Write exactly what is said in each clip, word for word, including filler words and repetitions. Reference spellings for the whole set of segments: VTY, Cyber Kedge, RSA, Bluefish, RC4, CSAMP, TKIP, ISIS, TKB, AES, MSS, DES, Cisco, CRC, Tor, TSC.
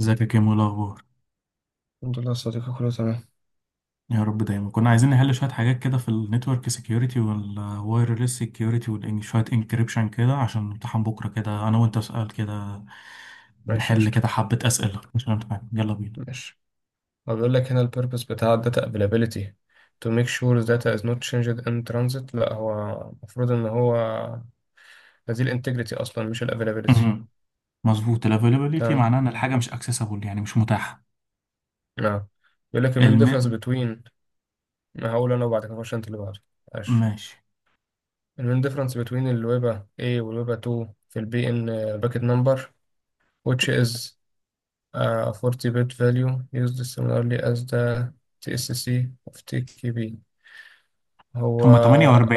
ازيك يا كيمو؟ إيه الاخبار؟ انت الله صديقي، كله تمام. يا رب دايما. كنا عايزين نحل شويه حاجات كده في النتورك سيكيورتي والوايرلس سيكيورتي، شويه انكريبشن كده عشان امتحان بكره كده، انا وانت سؤال كده. ماشي نحل قشت. كده حبه اسئله مش امتحان، يلا بينا. ماشي، اقول لك هنا الـ purpose بتاع الـ data availability to make sure the data is not changed in transit. لا، هو مفروض انه هو هذه الـ integrity اصلا، مش الـ availability. مهم. مظبوط، الافيلابيليتي تمام. معناه ان الحاجه مش اكسسبل، يعني مش متاحه. نعم. اقول لك المين difference الم... between، اقول لنا وبعدك اقول لك انت اللي بعد. عشو. ماشي. المين difference between الـ webA A والـ webA اتنين في الـ b in bucket number which is a اربعين bit value used similarly as the تي اس سي of تي كي بي. هو هما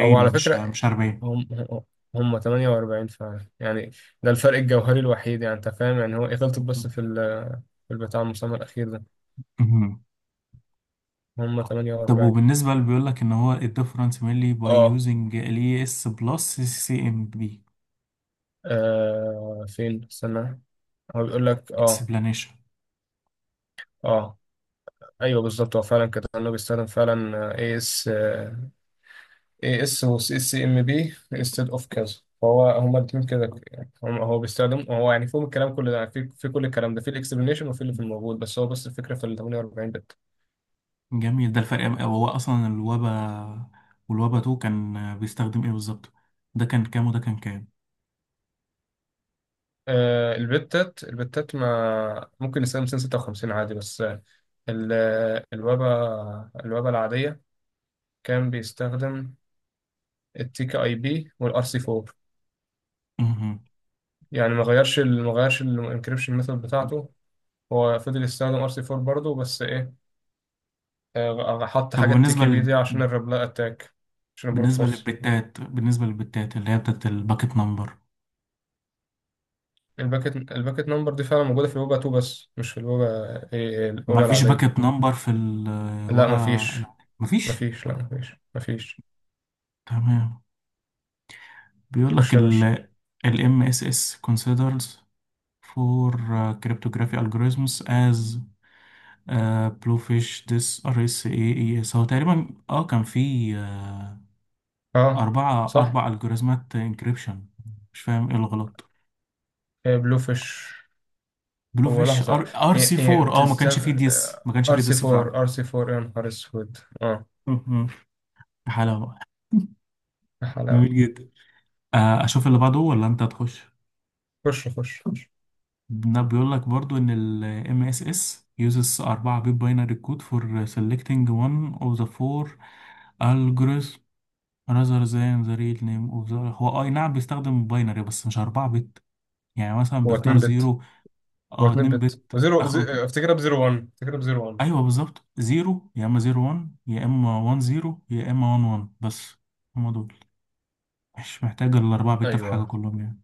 هو على مش فكرة مش أربعين. هم هم تمنية واربعين فعلا يعني. ده الفرق الجوهري الوحيد، يعني انت فاهم يعني. هو إيه؟ غلطت بس مهم. في ال في البتاع المسمى الأخير ده. مهم. هم طب تمنية واربعين. وبالنسبه اللي بيقول لك ان هو الديفرنس mainly by اه using ال اس بلس سي ام بي آه، فين؟ استنى. هو بيقول لك اه explanation. اه ايوه، بالظبط هو فعلا كده، لانه بيستخدم فعلا إيه اس اي اس و سي اس ام بي انستد اوف كذا. فهو هما الاثنين كده يعني، هم- هو بيستخدم هو يعني فيهم الكلام كله ده، في في كل الكلام ده في الاكسبلانيشن وفي اللي في الموجود، بس هو بس الفكره في ال تمنية واربعين بت. جميل، ده الفرق. أم- هو اصلا الوبا والوبا تو كان بيستخدم ايه بالظبط؟ ده كان كام وده كان كام؟ آه، البتات البتات ما ممكن نستخدم مئتين وستة وخمسين عادي بس. آه، ال- الويبة الويبة العادية كان بيستخدم التيك اي بي والار سي اربعة. مهم. يعني ما غيرش ال- ما غيرش الانكريبشن ميثود بتاعته. هو فضل يستخدم ار سي اربعة برضه، بس ايه، آه، حط طب حاجة وبالنسبه تيكي بي لل... دي عشان الريبلاي أتاك، عشان البروت بالنسبه فورس. للبتات بالنسبه للبتات اللي هي بتاعت الباكت نمبر. الباكت الباكت نمبر دي فعلا موجودة في الوجا اتنين، بس مش في الوجا إيه، ما الوجا فيش باكت العادية. نمبر في لا، الوبا؟ مفيش. لا ما فيش. مفيش، لا، مفيش، مفيش. تمام. بيقول لك خش يا ال باشا. ال إم إس إس considers for uh, cryptography algorithms as uh, bluefish this آر إس إيه إي إس. هو تقريبا اه كان في اه، أربعة صح. أربع ألجوريزمات انكريبشن. مش فاهم إيه الغلط. آه، بلو فيش. بلو هو فيش، لحظة، لا. أر أر هي سي هي فور. أه ما كانش فيه بتستغ ديس، ما كانش ار فيه سي ديس فعلا. اربعة، ار سي اربعة، يا نهار اسود، اه. مهم. حلاوة. يا جميل حلاوة. جدا. آه، أشوف اللي بعده ولا أنت تخش؟ خش، خش، خش. بيقول لك برضو إن ال إم إس إس uses فور bit binary code for selecting one of the four algorithms rather than the real name of the. هو آه، أي نعم، بيستخدم باينري بس مش أربعة بت. يعني مثلا هو بيختار اتنين بت. زيرو، هو أه اتنين اتنين بت بت وزيرو زي، آخره. افتكرها ب صفر واحد، افتكرها ب صفر واحد. ايوه بالظبط، زيرو يا اما زيرو وان، يا اما وان زيرو، يا اما وان وان، بس. هما دول. مش محتاج الاربعه بت في حاجه ايوه. كلهم يعني.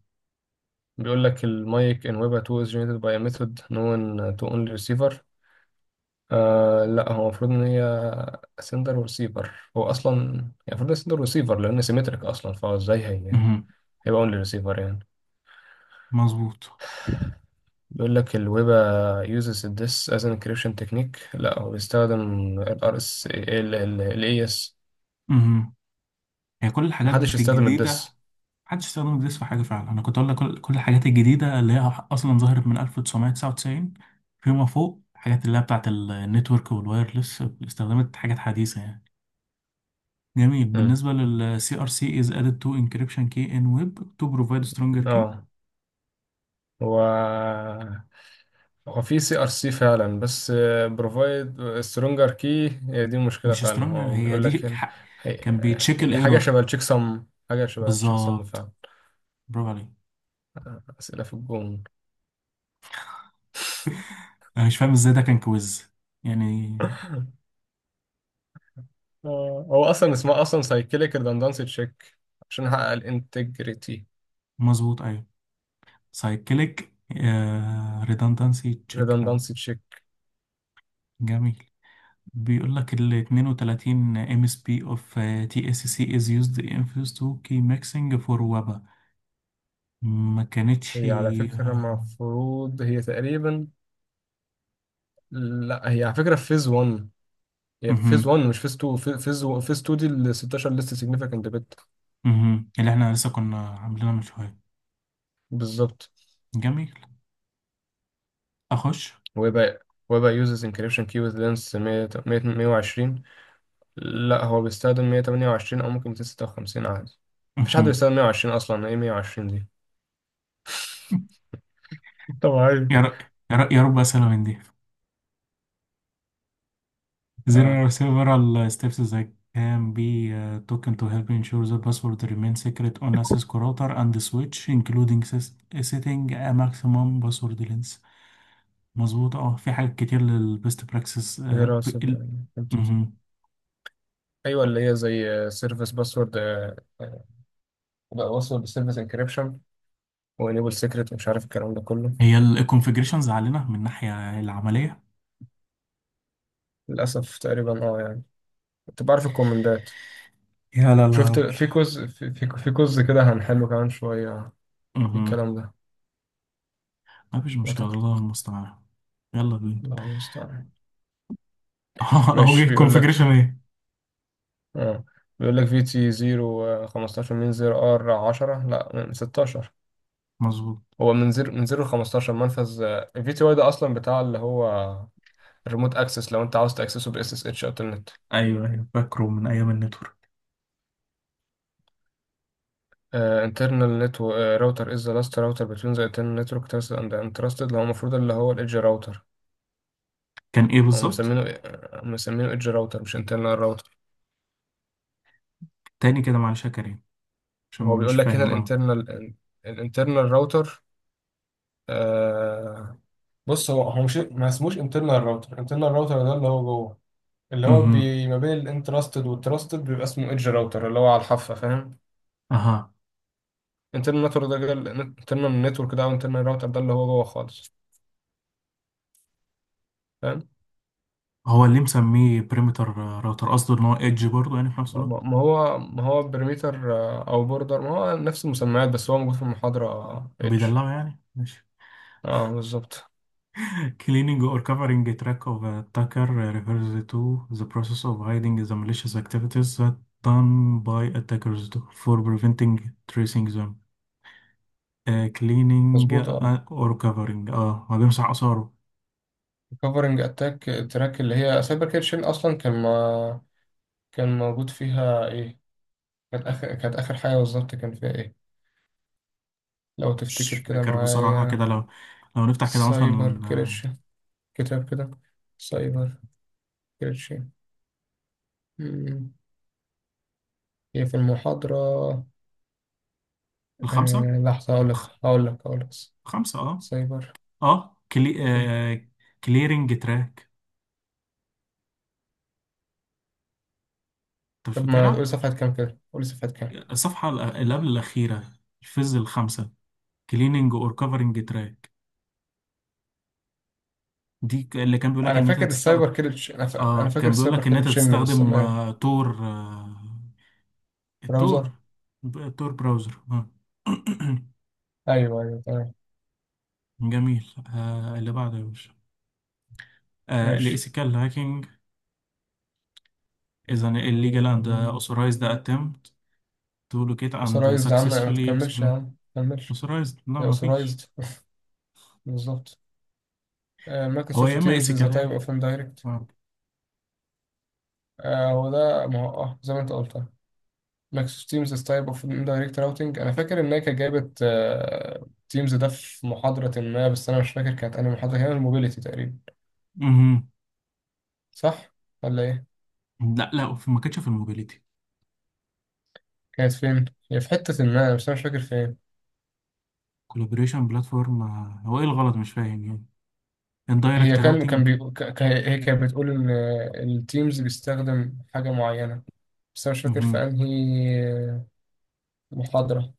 بيقول لك المايك ان ويب اتنين is generated by a method known to only receiver. آه، لا، هو المفروض ان هي sender وريسيفر. هو اصلا، يعني المفروض sender وريسيفر لان سيمتريك اصلا، فهو ازاي هي امم. هيبقى only receiver يعني؟ مظبوط. بيقول لك الويب uses this as an encryption technique. لا، هو بيستخدم ال ار اس ال ال ال ايه اي اس. امم. هي كل الحاجات محدش يستخدم الجديده. الدس. محدش استخدم جديد في حاجه فعلا. انا كنت اقول لك كل كل الحاجات الجديده اللي هي اصلا ظهرت من ألف وتسعمية وتسعة وتسعين فيما فوق. الحاجات اللي هي بتاعت النتورك والوايرلس استخدمت حاجات حديثه يعني. جميل. مم. بالنسبه لل سي آر سي is added to encryption key in web to provide stronger key. اه. هو هو في سي ار سي فعلا، بس بروفايد سترونجر كي، هي دي المشكله مش فعلا. سترونج، هو هي بيقول لك دي هنا، ح... كان هي- بيتشيك هي حاجه الايرور. شبه التشيك سم، حاجه شبه التشيك سم بالظبط، فعلا. برافو عليك. اسئله في الجون. انا مش فاهم ازاي ده كان كويز يعني. آه، هو اصلا اسمها اصلا سايكليك ريدندنسي تشيك عشان احقق الانتجريتي. مظبوط، ايوه. سايكليك ريدندنسي تشيك فعلا. ريدندنسي تشيك. جميل. بيقول لك ال اثنين وثلاثين ام اس بي اوف تي اس سي از يوزد ان فيوز تو كي ميكسنج فور وابا. ما كانتش. هي على فكره آه، المفروض هي تقريبا، لا، هي على فكره في فيز واحد. هي في فيز مهم. واحد، مش فيز اتنين. في- فيز فيز اتنين دي ال ستاشر ليست سيجنفيكانت بت. مهم. اللي احنا لسه كنا عاملينها من شويه. بالظبط. جميل. اخش. ويبقى ويبقى uses encryption key with length مية مائة وعشرون. لا، هو بيستخدم مية تمنية وعشرين او ممكن ميتين ستة وخمسين عادي. مفيش حد مهم. بيستخدم مية وعشرين اصلا، ايه مية وعشرين دي؟ طبيعي. يا رب، يا رب، يا رب اسئله من دي. There اه. are several uh, steps that can be uh, taken to help ensure the password remains secret on a Cisco router and switch, including sys- setting a maximum password length. مظبوط، اه في حاجات كتير للبيست براكسس دراسة. ال... مهم. ايوه، اللي هي زي سيرفيس باسورد، بقى باسورد سيرفيس انكريبشن، وانيبل سيكريت، ومش عارف الكلام ده كله. هي الكونفجريشنز علينا من الناحية العملية. للاسف تقريبا اه يعني، انت بعرف الكومندات. يا لا شفت، لا. في كوز، في في في كوز كده هنحله كمان شويه، في مهم. الكلام ده. مفيش لا مشكلة، الله تقلق. المستعان. يلا بينا. الله المستعان. اهو ماشي. جه بيقول كونفجريشن لك ايه. اه، بيقول لك في تي صفر خمستاشر، من صفر ار عشرة، لا، من ستة عشر. مظبوط. هو من صفر، من صفر ل خمسة عشر منفذ. الفي تي واي ده اصلا بتاع اللي هو الريموت اكسس، لو انت عاوز تاكسسه باس اس اتش الترنت. ايوه ايوه، فاكره من ايام النتورك. انترنال نت. راوتر از ذا لاست راوتر بتوين ذا انترنال نتورك ترست اند انترستد، اللي هو المفروض اللي هو الايدج راوتر. كان ايه هو بالظبط؟ مسمينه، آه، مسمينه ايدج راوتر مش انترنال راوتر. تاني كده معلش يا كريم، عشان هو مش بيقول لك هنا فاهم اه. الانترنال، الانترنال راوتر. بص، هو هو مش، ما اسموش انترنال راوتر. انترنال راوتر ده اللي هو جوه، اللي هو امم. بي ما بين الانترستد والتراستد، بيبقى اسمه ايدج راوتر اللي هو على الحافه، فاهم. اها. انترنال نتورك ده، انترنال نتورك ده، او انترنال راوتر ده، اللي هو جوه خالص، فاهم. هو اللي مسميه بريمتر راوتر، قصده ان هو ايدج برضه يعني في نفس ما ما- الوقت. ما هو، ما هو بريميتر او بوردر، ما هو نفس المسميات، بس هو موجود في المحاضره ايدج. بيدلعه يعني، ماشي. اه بالظبط. cleaning or covering a track of attacker refers to the process of hiding the malicious activities that done by attackers for preventing tracing them. آه، cleaning مظبوط اه. or covering، اه هو بيمسح آثاره. كفرنج اتاك تراك اللي هي سايبر كيتشن اصلا، كان ما كان موجود فيها ايه؟ كانت اخر كانت اخر حاجه بالظبط، كان فيها ايه؟ لو مش تفتكر كده فاكر بصراحة معايا. كده، لو لو نفتح كده سايبر مثلا. آه، كريتش. كتاب كده. سايبر كريتش. مم. هي في المحاضرة. الخمسة. آه، لحظة، هقول لك. خ- هقول لك هقول لك خمسة اه. سايبر اه كلي... كريتش. آه... كليرنج تراك. انت مش طب ما تقولي فاكرها. صفحة كام كده، قولي صفحة كام. الصفحه الأ- اللي قبل الاخيره، الفيز الخامسه، كليننج اور كفرنج تراك. دي ك- اللي كان بيقول لك أنا ان انت فاكر تستخدم. السايبر كريتش، أنا, فا... أنا اه فاكر كان بيقول السايبر لك ان انت كريتشن بس تستخدم أنا. آه... تور. آه... التور. براوزر. ب- تور براوزر، آه. أيوه، أيوه، تمام. جميل. آه... اللي بعده يا باشا. آه... ماشي. الاسيكال هاكينج is an illegal and آه، authorized attempt to locate and أوثرايزد يا عم، ما successfully تكملش يا exploit. عم، ما تكملش. authorized، لا هي مفيش. أوثرايزد. بالظبط. هو مايكروسوفت يا اما تيمز إز اسيكال، تايب أوف إندايركت. آه. آه، هو ده، ما هو اه زي ما انت قلت، ماكس تيمز تايب اوف اندايركت راوتنج. انا فاكر ان هي كانت جايبه تيمز ده في محاضره ما، بس انا مش فاكر كانت انهي محاضره. كانت الموبيليتي تقريبا، مهم. صح ولا ايه؟ لا لا في- ما كانتش في الموبيليتي. كانت فين؟ هي في حته ما، بس انا مش فاكر فين. كولابوريشن بلاتفورم. هو ايه الغلط مش فاهم يعني. هي اندايركت كان كان راوتنج. بي... ك- ك- هي كانت بتقول ان التيمز بيستخدم حاجه معينه، بس انا مش فاكر في انهي، آه، محاضره.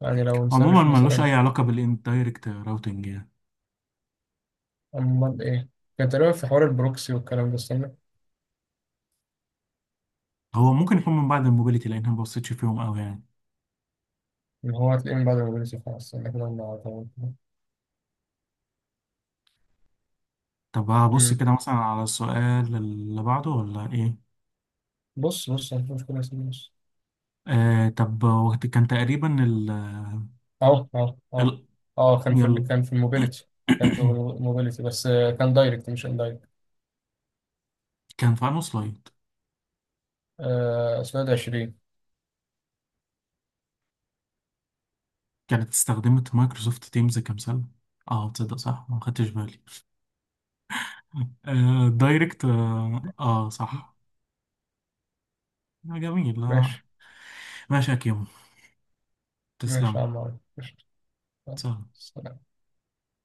يعني لو عموما نسرش ملوش اي مثلا. علاقه بالاندايركت راوتنج يعني. امال ايه؟ كان تقريبا في حوار البروكسي والكلام ده. استنى، هو ممكن يكون من بعد الموبيليتي، لان أنا ما بصيتش فيهم قوي يعني. اللي هو هتلاقيه من بعد الموبيليتي. خلاص، استنى كده. طب هبص ما كده مثلا على السؤال اللي بعده ولا ايه؟ بص بص أنا، مش كل اسمه بص. آه طب وقت كان تقريبا ال أهو، أهو، أهو. ال أه كان في ال- يلا. كان في الموبيليتي. كان في الموبيليتي، بس آه، كان دايركت مش اندايركت. كان في انه سلايد آه، سؤال عشرين. كانت استخدمت مايكروسوفت تيمز كمثال. اه تصدق صح ما خدتش بالي. آه دايركت، اه، آه صح. آه جميل، آه. ماشي. ماشي يا كيمو، ماشي يا تسلم. عم عمرو. قشطة. سهل سلام.